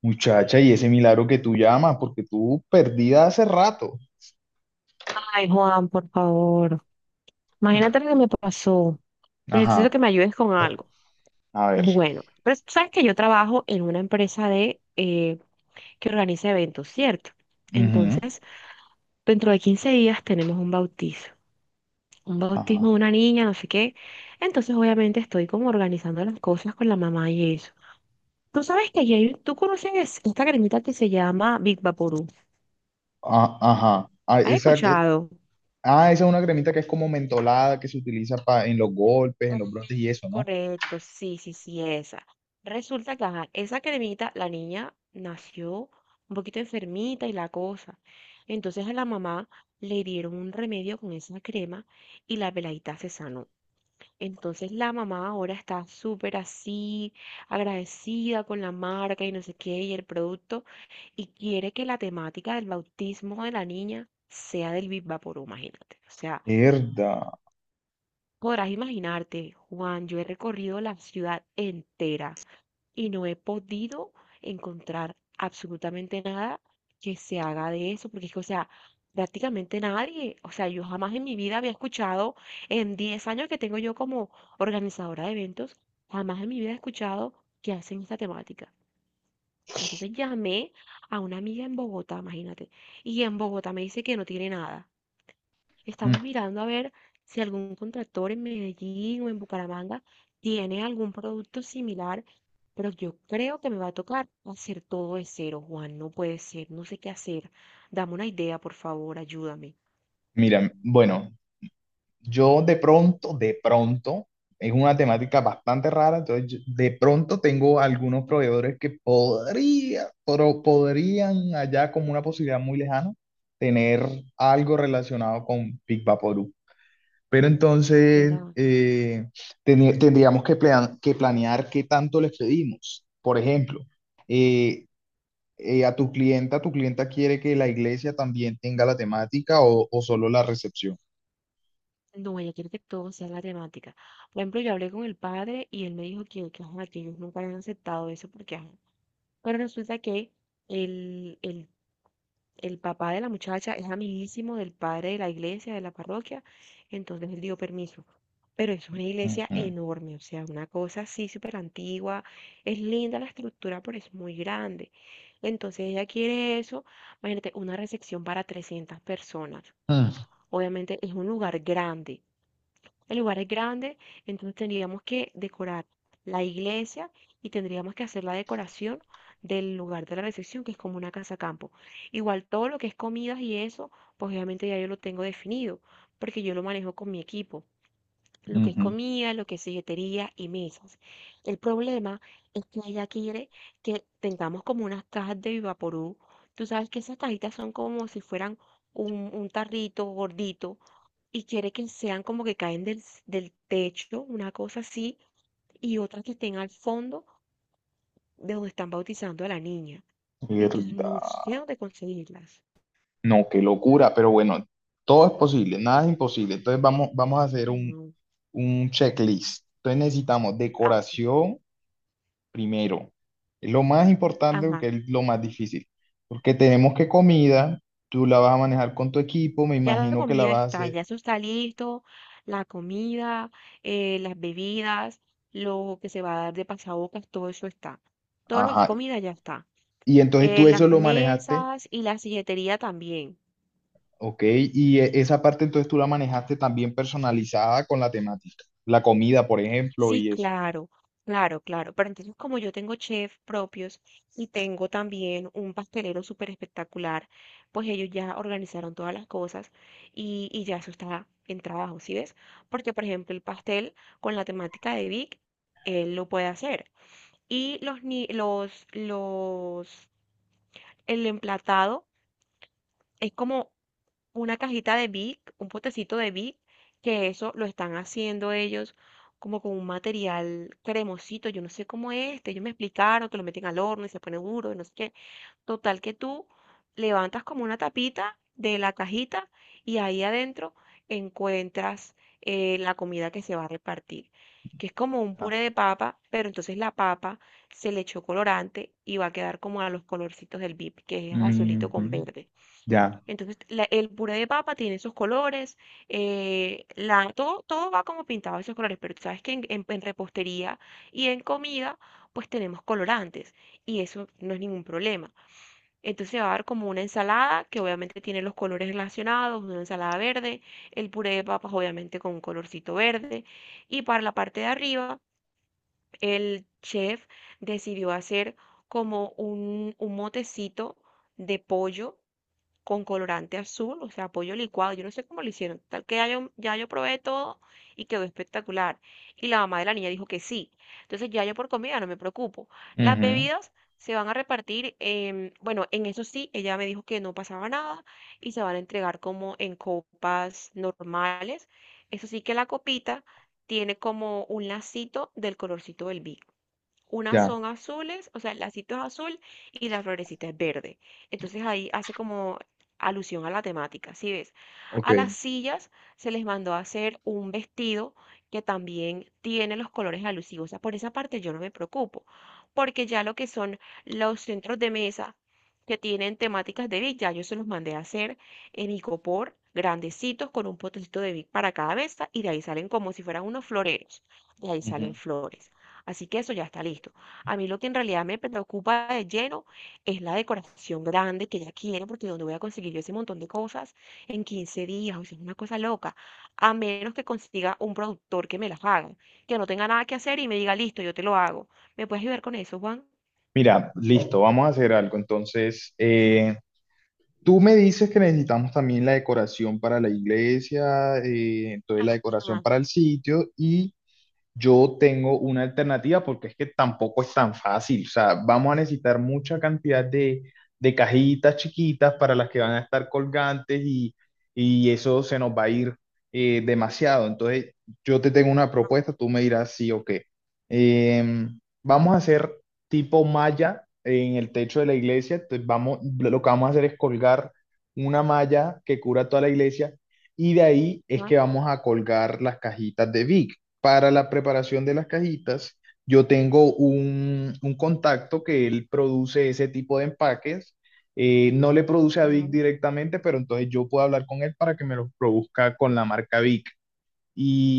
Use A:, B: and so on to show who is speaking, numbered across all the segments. A: Muchacha, ¿y ese milagro que tú llamas? Porque tú perdida hace rato.
B: Ay, Juan, por favor.
A: Mm.
B: Imagínate lo que me pasó. Necesito
A: Ajá,
B: que me ayudes con algo.
A: a ver.
B: Bueno, pero tú sabes que yo trabajo en una empresa de que organiza eventos, ¿cierto?
A: Ujú.
B: Entonces, dentro de 15 días tenemos un bautizo. Un bautismo de
A: Ajá,
B: una niña, no sé qué. Entonces, obviamente, estoy como organizando las cosas con la mamá y eso. Tú sabes que tú conoces esta cremita que se llama Big Vaporú.
A: ah, ajá.
B: ¿Has escuchado?
A: Ah, esa es una cremita que es como mentolada, que se utiliza en los golpes,
B: Ah,
A: en los brotes y eso, ¿no?
B: correcto, sí, sí, sí, esa. Resulta que esa cremita, la niña nació un poquito enfermita y la cosa. Entonces a la mamá le dieron un remedio con esa crema y la peladita se sanó. Entonces la mamá ahora está súper así, agradecida con la marca y no sé qué y el producto y quiere que la temática del bautismo de la niña sea del Viva Vaporú, imagínate. O sea,
A: Mierda.
B: podrás imaginarte, Juan, yo he recorrido la ciudad entera y no he podido encontrar absolutamente nada que se haga de eso, porque es que, o sea, prácticamente nadie, o sea, yo jamás en mi vida había escuchado, en 10 años que tengo yo como organizadora de eventos, jamás en mi vida he escuchado que hacen esta temática. Entonces llamé a una amiga en Bogotá, imagínate, y en Bogotá me dice que no tiene nada.
A: Mm.
B: Estamos mirando a ver si algún contractor en Medellín o en Bucaramanga tiene algún producto similar, pero yo creo que me va a tocar hacer todo de cero, Juan. No puede ser, no sé qué hacer. Dame una idea, por favor, ayúdame.
A: Mira, bueno, yo de pronto, es una temática bastante rara, entonces de pronto tengo algunos proveedores que podría, pero podrían allá como una posibilidad muy lejana tener algo relacionado con Big Vaporub. Pero entonces
B: Era,
A: tendríamos que, que planear qué tanto les pedimos. Por ejemplo, eh, a tu clienta quiere que la iglesia también tenga la temática, o solo la recepción.
B: no, ella quiere que todo sea la temática. Por ejemplo, yo hablé con el padre y él me dijo que que ellos nunca habían aceptado eso porque ajá, pero resulta que el, el, el papá de la muchacha es amiguísimo del padre de la iglesia, de la parroquia, entonces él dio permiso. Pero es una iglesia
A: Ujú.
B: enorme, o sea, una cosa así súper antigua, es linda la estructura, pero es muy grande. Entonces ella quiere eso, imagínate, una recepción para 300 personas.
A: Mm,
B: Obviamente es un lugar grande. El lugar es grande, entonces tendríamos que decorar la iglesia y tendríamos que hacer la decoración del lugar de la recepción, que es como una casa campo. Igual todo lo que es comidas y eso, pues obviamente ya yo lo tengo definido, porque yo lo manejo con mi equipo lo que es
A: ujú.
B: comida, lo que es silletería y mesas. El problema es que ella quiere que tengamos como unas cajas de Vaporú. Tú sabes que esas cajitas son como si fueran un tarrito gordito y quiere que sean como que caen del techo, una cosa así, y otras que estén al fondo de donde están bautizando a la niña. Entonces
A: Mierda.
B: no sé dónde conseguirlas.
A: No, qué locura, pero bueno, todo es posible, nada es imposible. Entonces vamos a hacer
B: No.
A: un checklist. Entonces necesitamos
B: Ah.
A: decoración primero. Es lo más importante
B: Ajá.
A: porque es lo más difícil. Porque tenemos que comida, tú la vas a manejar con tu equipo, me
B: Ya la
A: imagino que la
B: comida
A: vas a
B: está,
A: hacer.
B: ya eso está listo, la comida, las bebidas, lo que se va a dar de pasabocas, todo eso está. Todo lo que es
A: Ajá.
B: comida ya está.
A: Y entonces tú eso
B: Las
A: lo manejaste,
B: mesas y la silletería también.
A: ok. Y esa parte entonces tú la manejaste también personalizada con la temática. La comida, por ejemplo,
B: Sí,
A: y eso.
B: claro, claro, claro. Pero entonces, como yo tengo chefs propios y tengo también un pastelero súper espectacular, pues ellos ya organizaron todas las cosas y ya eso está en trabajo, ¿sí ves? Porque, por ejemplo, el pastel con la temática de Vic, él lo puede hacer. Y los, ni- los, el emplatado es como una cajita de Vic, un potecito de Vic, que eso lo están haciendo ellos como con un material cremosito, yo no sé cómo es este, ellos me explicaron que lo meten al horno y se pone duro, y no sé qué. Total que tú levantas como una tapita de la cajita y ahí adentro encuentras la comida que se va a repartir, que es como un
A: Ah.
B: puré de papa, pero entonces la papa se le echó colorante y va a quedar como a los colorcitos del Vic, que es azulito con
A: Ujú.
B: verde.
A: Ya.
B: Entonces, el puré de papa tiene esos colores, todo, todo va como pintado de esos colores, pero tú sabes que en repostería y en comida, pues tenemos colorantes y eso no es ningún problema. Entonces se va a dar como una ensalada que obviamente tiene los colores relacionados, una ensalada verde, el puré de papas obviamente con un colorcito verde y para la parte de arriba, el chef decidió hacer como un motecito de pollo con colorante azul, o sea, pollo licuado. Yo no sé cómo lo hicieron. Tal que ya yo probé todo y quedó espectacular. Y la mamá de la niña dijo que sí. Entonces ya yo por comida no me preocupo. Las
A: Ujú,
B: bebidas se van a repartir, bueno, en eso sí, ella me dijo que no pasaba nada y se van a entregar como en copas normales. Eso sí que la copita tiene como un lacito del colorcito del vino. Unas
A: ya,
B: son azules, o sea, el lacito es azul y la florecita es verde. Entonces ahí hace como alusión a la temática, ¿sí ves?
A: ok.
B: A las sillas se les mandó a hacer un vestido que también tiene los colores alusivos. O sea, por esa parte yo no me preocupo, porque ya lo que son los centros de mesa que tienen temáticas de Vic, ya yo se los mandé a hacer en icopor, grandecitos, con un potecito de Vic para cada mesa, y de ahí salen como si fueran unos floreros, de ahí
A: Ujú.
B: salen flores. Así que eso ya está listo. A mí lo que en realidad me preocupa de lleno es la decoración grande que ya quiero, porque ¿dónde voy a conseguir yo ese montón de cosas en 15 días? O sea, es una cosa loca. A menos que consiga un productor que me las haga, que no tenga nada que hacer y me diga, listo, yo te lo hago. ¿Me puedes ayudar con eso, Juan?
A: Mira, listo, vamos a hacer algo. Entonces, tú me dices que necesitamos también la decoración para la iglesia, entonces la decoración
B: Ajá,
A: para el sitio, y yo tengo una alternativa porque es que tampoco es tan fácil. O sea, vamos a necesitar mucha cantidad de cajitas chiquitas para las que van a estar colgantes, y eso se nos va a ir demasiado. Entonces, yo te tengo una propuesta, tú me dirás sí o qué. Vamos a hacer tipo malla en el techo de la iglesia. Entonces, vamos, lo que vamos a hacer es colgar una malla que cubra toda la iglesia y de ahí es que
B: ajá,
A: vamos a colgar las cajitas de Vic. Para la preparación de las cajitas, yo tengo un contacto que él produce ese tipo de empaques. No le produce a Vic
B: ajá.
A: directamente, pero entonces yo puedo hablar con él para que me los produzca con la marca Vic.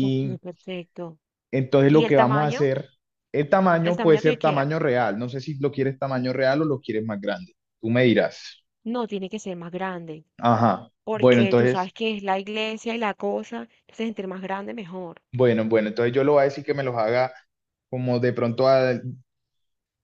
B: Ok, perfecto.
A: entonces
B: ¿Y
A: lo
B: el
A: que vamos a
B: tamaño?
A: hacer, el
B: El
A: tamaño puede
B: tamaño que yo
A: ser
B: quiera.
A: tamaño real. No sé si lo quieres tamaño real o lo quieres más grande. Tú me dirás.
B: No tiene que ser más grande,
A: Ajá. Bueno,
B: porque tú sabes
A: entonces,
B: que es la iglesia y la cosa, entonces entre más grande mejor.
A: bueno, bueno, entonces yo le voy a decir que me los haga como de pronto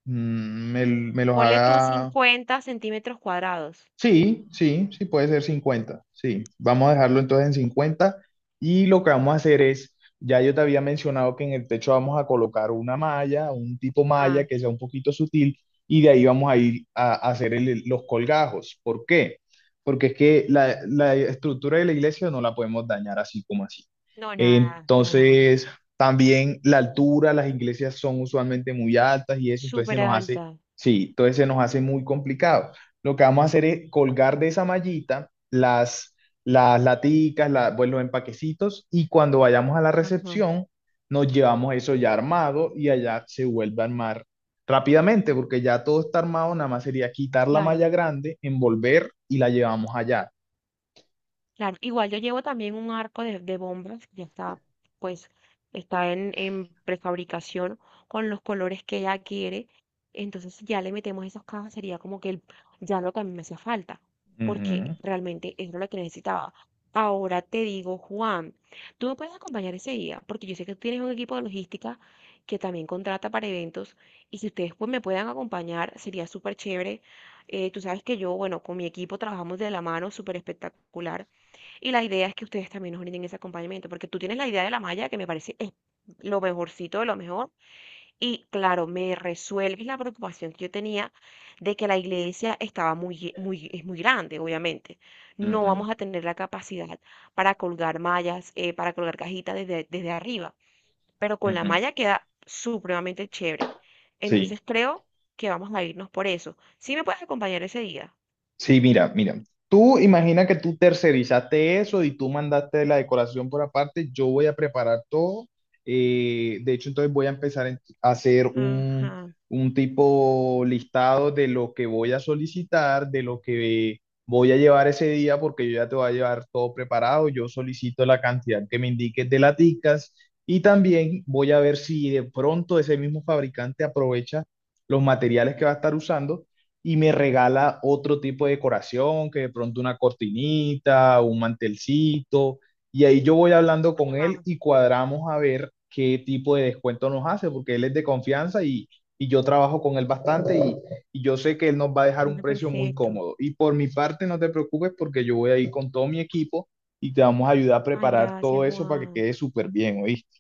A: mm, me los
B: Ponle tú
A: haga.
B: 50 centímetros cuadrados.
A: Sí, sí, sí, puede ser 50. Sí, vamos a dejarlo entonces en 50. Y lo que vamos a hacer es, ya yo te había mencionado que en el techo vamos a colocar una malla, un tipo malla
B: Ah.
A: que sea un poquito sutil, y de ahí vamos a ir a hacer los colgajos. ¿Por qué? Porque es que la estructura de la iglesia no la podemos dañar así como así.
B: No, nada, para nada.
A: Entonces, también la altura, las iglesias son usualmente muy altas y eso, entonces se
B: Súper
A: nos hace,
B: alta.
A: sí, entonces se nos hace muy complicado. Lo que vamos a hacer es colgar de esa mallita las laticas, pues, los empaquecitos, y cuando vayamos a la
B: Ajá,
A: recepción nos llevamos eso ya armado y allá se vuelve a armar rápidamente porque ya todo está armado, nada más sería quitar la
B: claro.
A: malla grande, envolver y la llevamos allá.
B: Claro, igual yo llevo también un arco de bombas, ya está, pues, está en prefabricación con los colores que ella quiere. Entonces, si ya le metemos esas cajas, sería como que ya lo que a mí me hacía falta, porque
A: Ujú,
B: realmente eso es lo que necesitaba. Ahora te digo, Juan, tú me puedes acompañar ese día, porque yo sé que tú tienes un equipo de logística que también contrata para eventos, y si ustedes pues me puedan acompañar, sería súper chévere. Tú sabes que yo, bueno, con mi equipo trabajamos de la mano, súper espectacular. Y la idea es que ustedes también nos brinden ese acompañamiento, porque tú tienes la idea de la malla que me parece es lo mejorcito de lo mejor. Y claro, me resuelves la preocupación que yo tenía de que la iglesia estaba muy, es muy grande, obviamente. No vamos a tener la capacidad para colgar mallas, para colgar cajitas desde arriba, pero
A: ujú,
B: con la
A: ujú.
B: malla queda supremamente chévere.
A: Sí.
B: Entonces creo que vamos a irnos por eso. ¿Sí me puedes acompañar ese día?
A: Sí, mira, mira. Tú imagina que tú tercerizaste eso y tú mandaste la decoración por aparte. Yo voy a preparar todo. De hecho, entonces voy a empezar a hacer
B: Ajá.
A: un tipo listado de lo que voy a solicitar, de lo que voy a llevar ese día, porque yo ya te voy a llevar todo preparado. Yo solicito la cantidad que me indiques de laticas, y también voy a ver si de pronto ese mismo fabricante aprovecha los materiales que va a estar usando y me regala otro tipo de decoración, que de pronto una cortinita, un mantelcito, y ahí yo voy hablando con él
B: Ajá.
A: y cuadramos a ver qué tipo de descuento nos hace, porque él es de confianza y yo trabajo con él bastante, y yo sé que él nos va a dejar un
B: Bueno,
A: precio muy
B: perfecto.
A: cómodo. Y por mi parte, no te preocupes porque yo voy a ir con todo mi equipo y te vamos a ayudar a
B: Ay,
A: preparar todo
B: gracias,
A: eso para que
B: Juan.
A: quede súper bien, ¿oíste?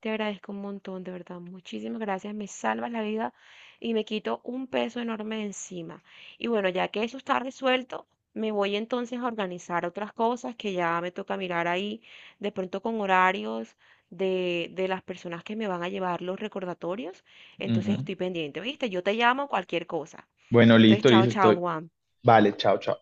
B: Te agradezco un montón, de verdad. Muchísimas gracias. Me salvas la vida y me quito un peso enorme de encima. Y bueno, ya que eso está resuelto, me voy entonces a organizar otras cosas que ya me toca mirar ahí, de pronto con horarios de las personas que me van a llevar los recordatorios. Entonces
A: Ujú.
B: estoy pendiente, ¿viste? Yo te llamo cualquier cosa.
A: Bueno,
B: Entonces,
A: listo,
B: chao,
A: listo,
B: chao,
A: estoy.
B: Juan.
A: Vale, chao, chao.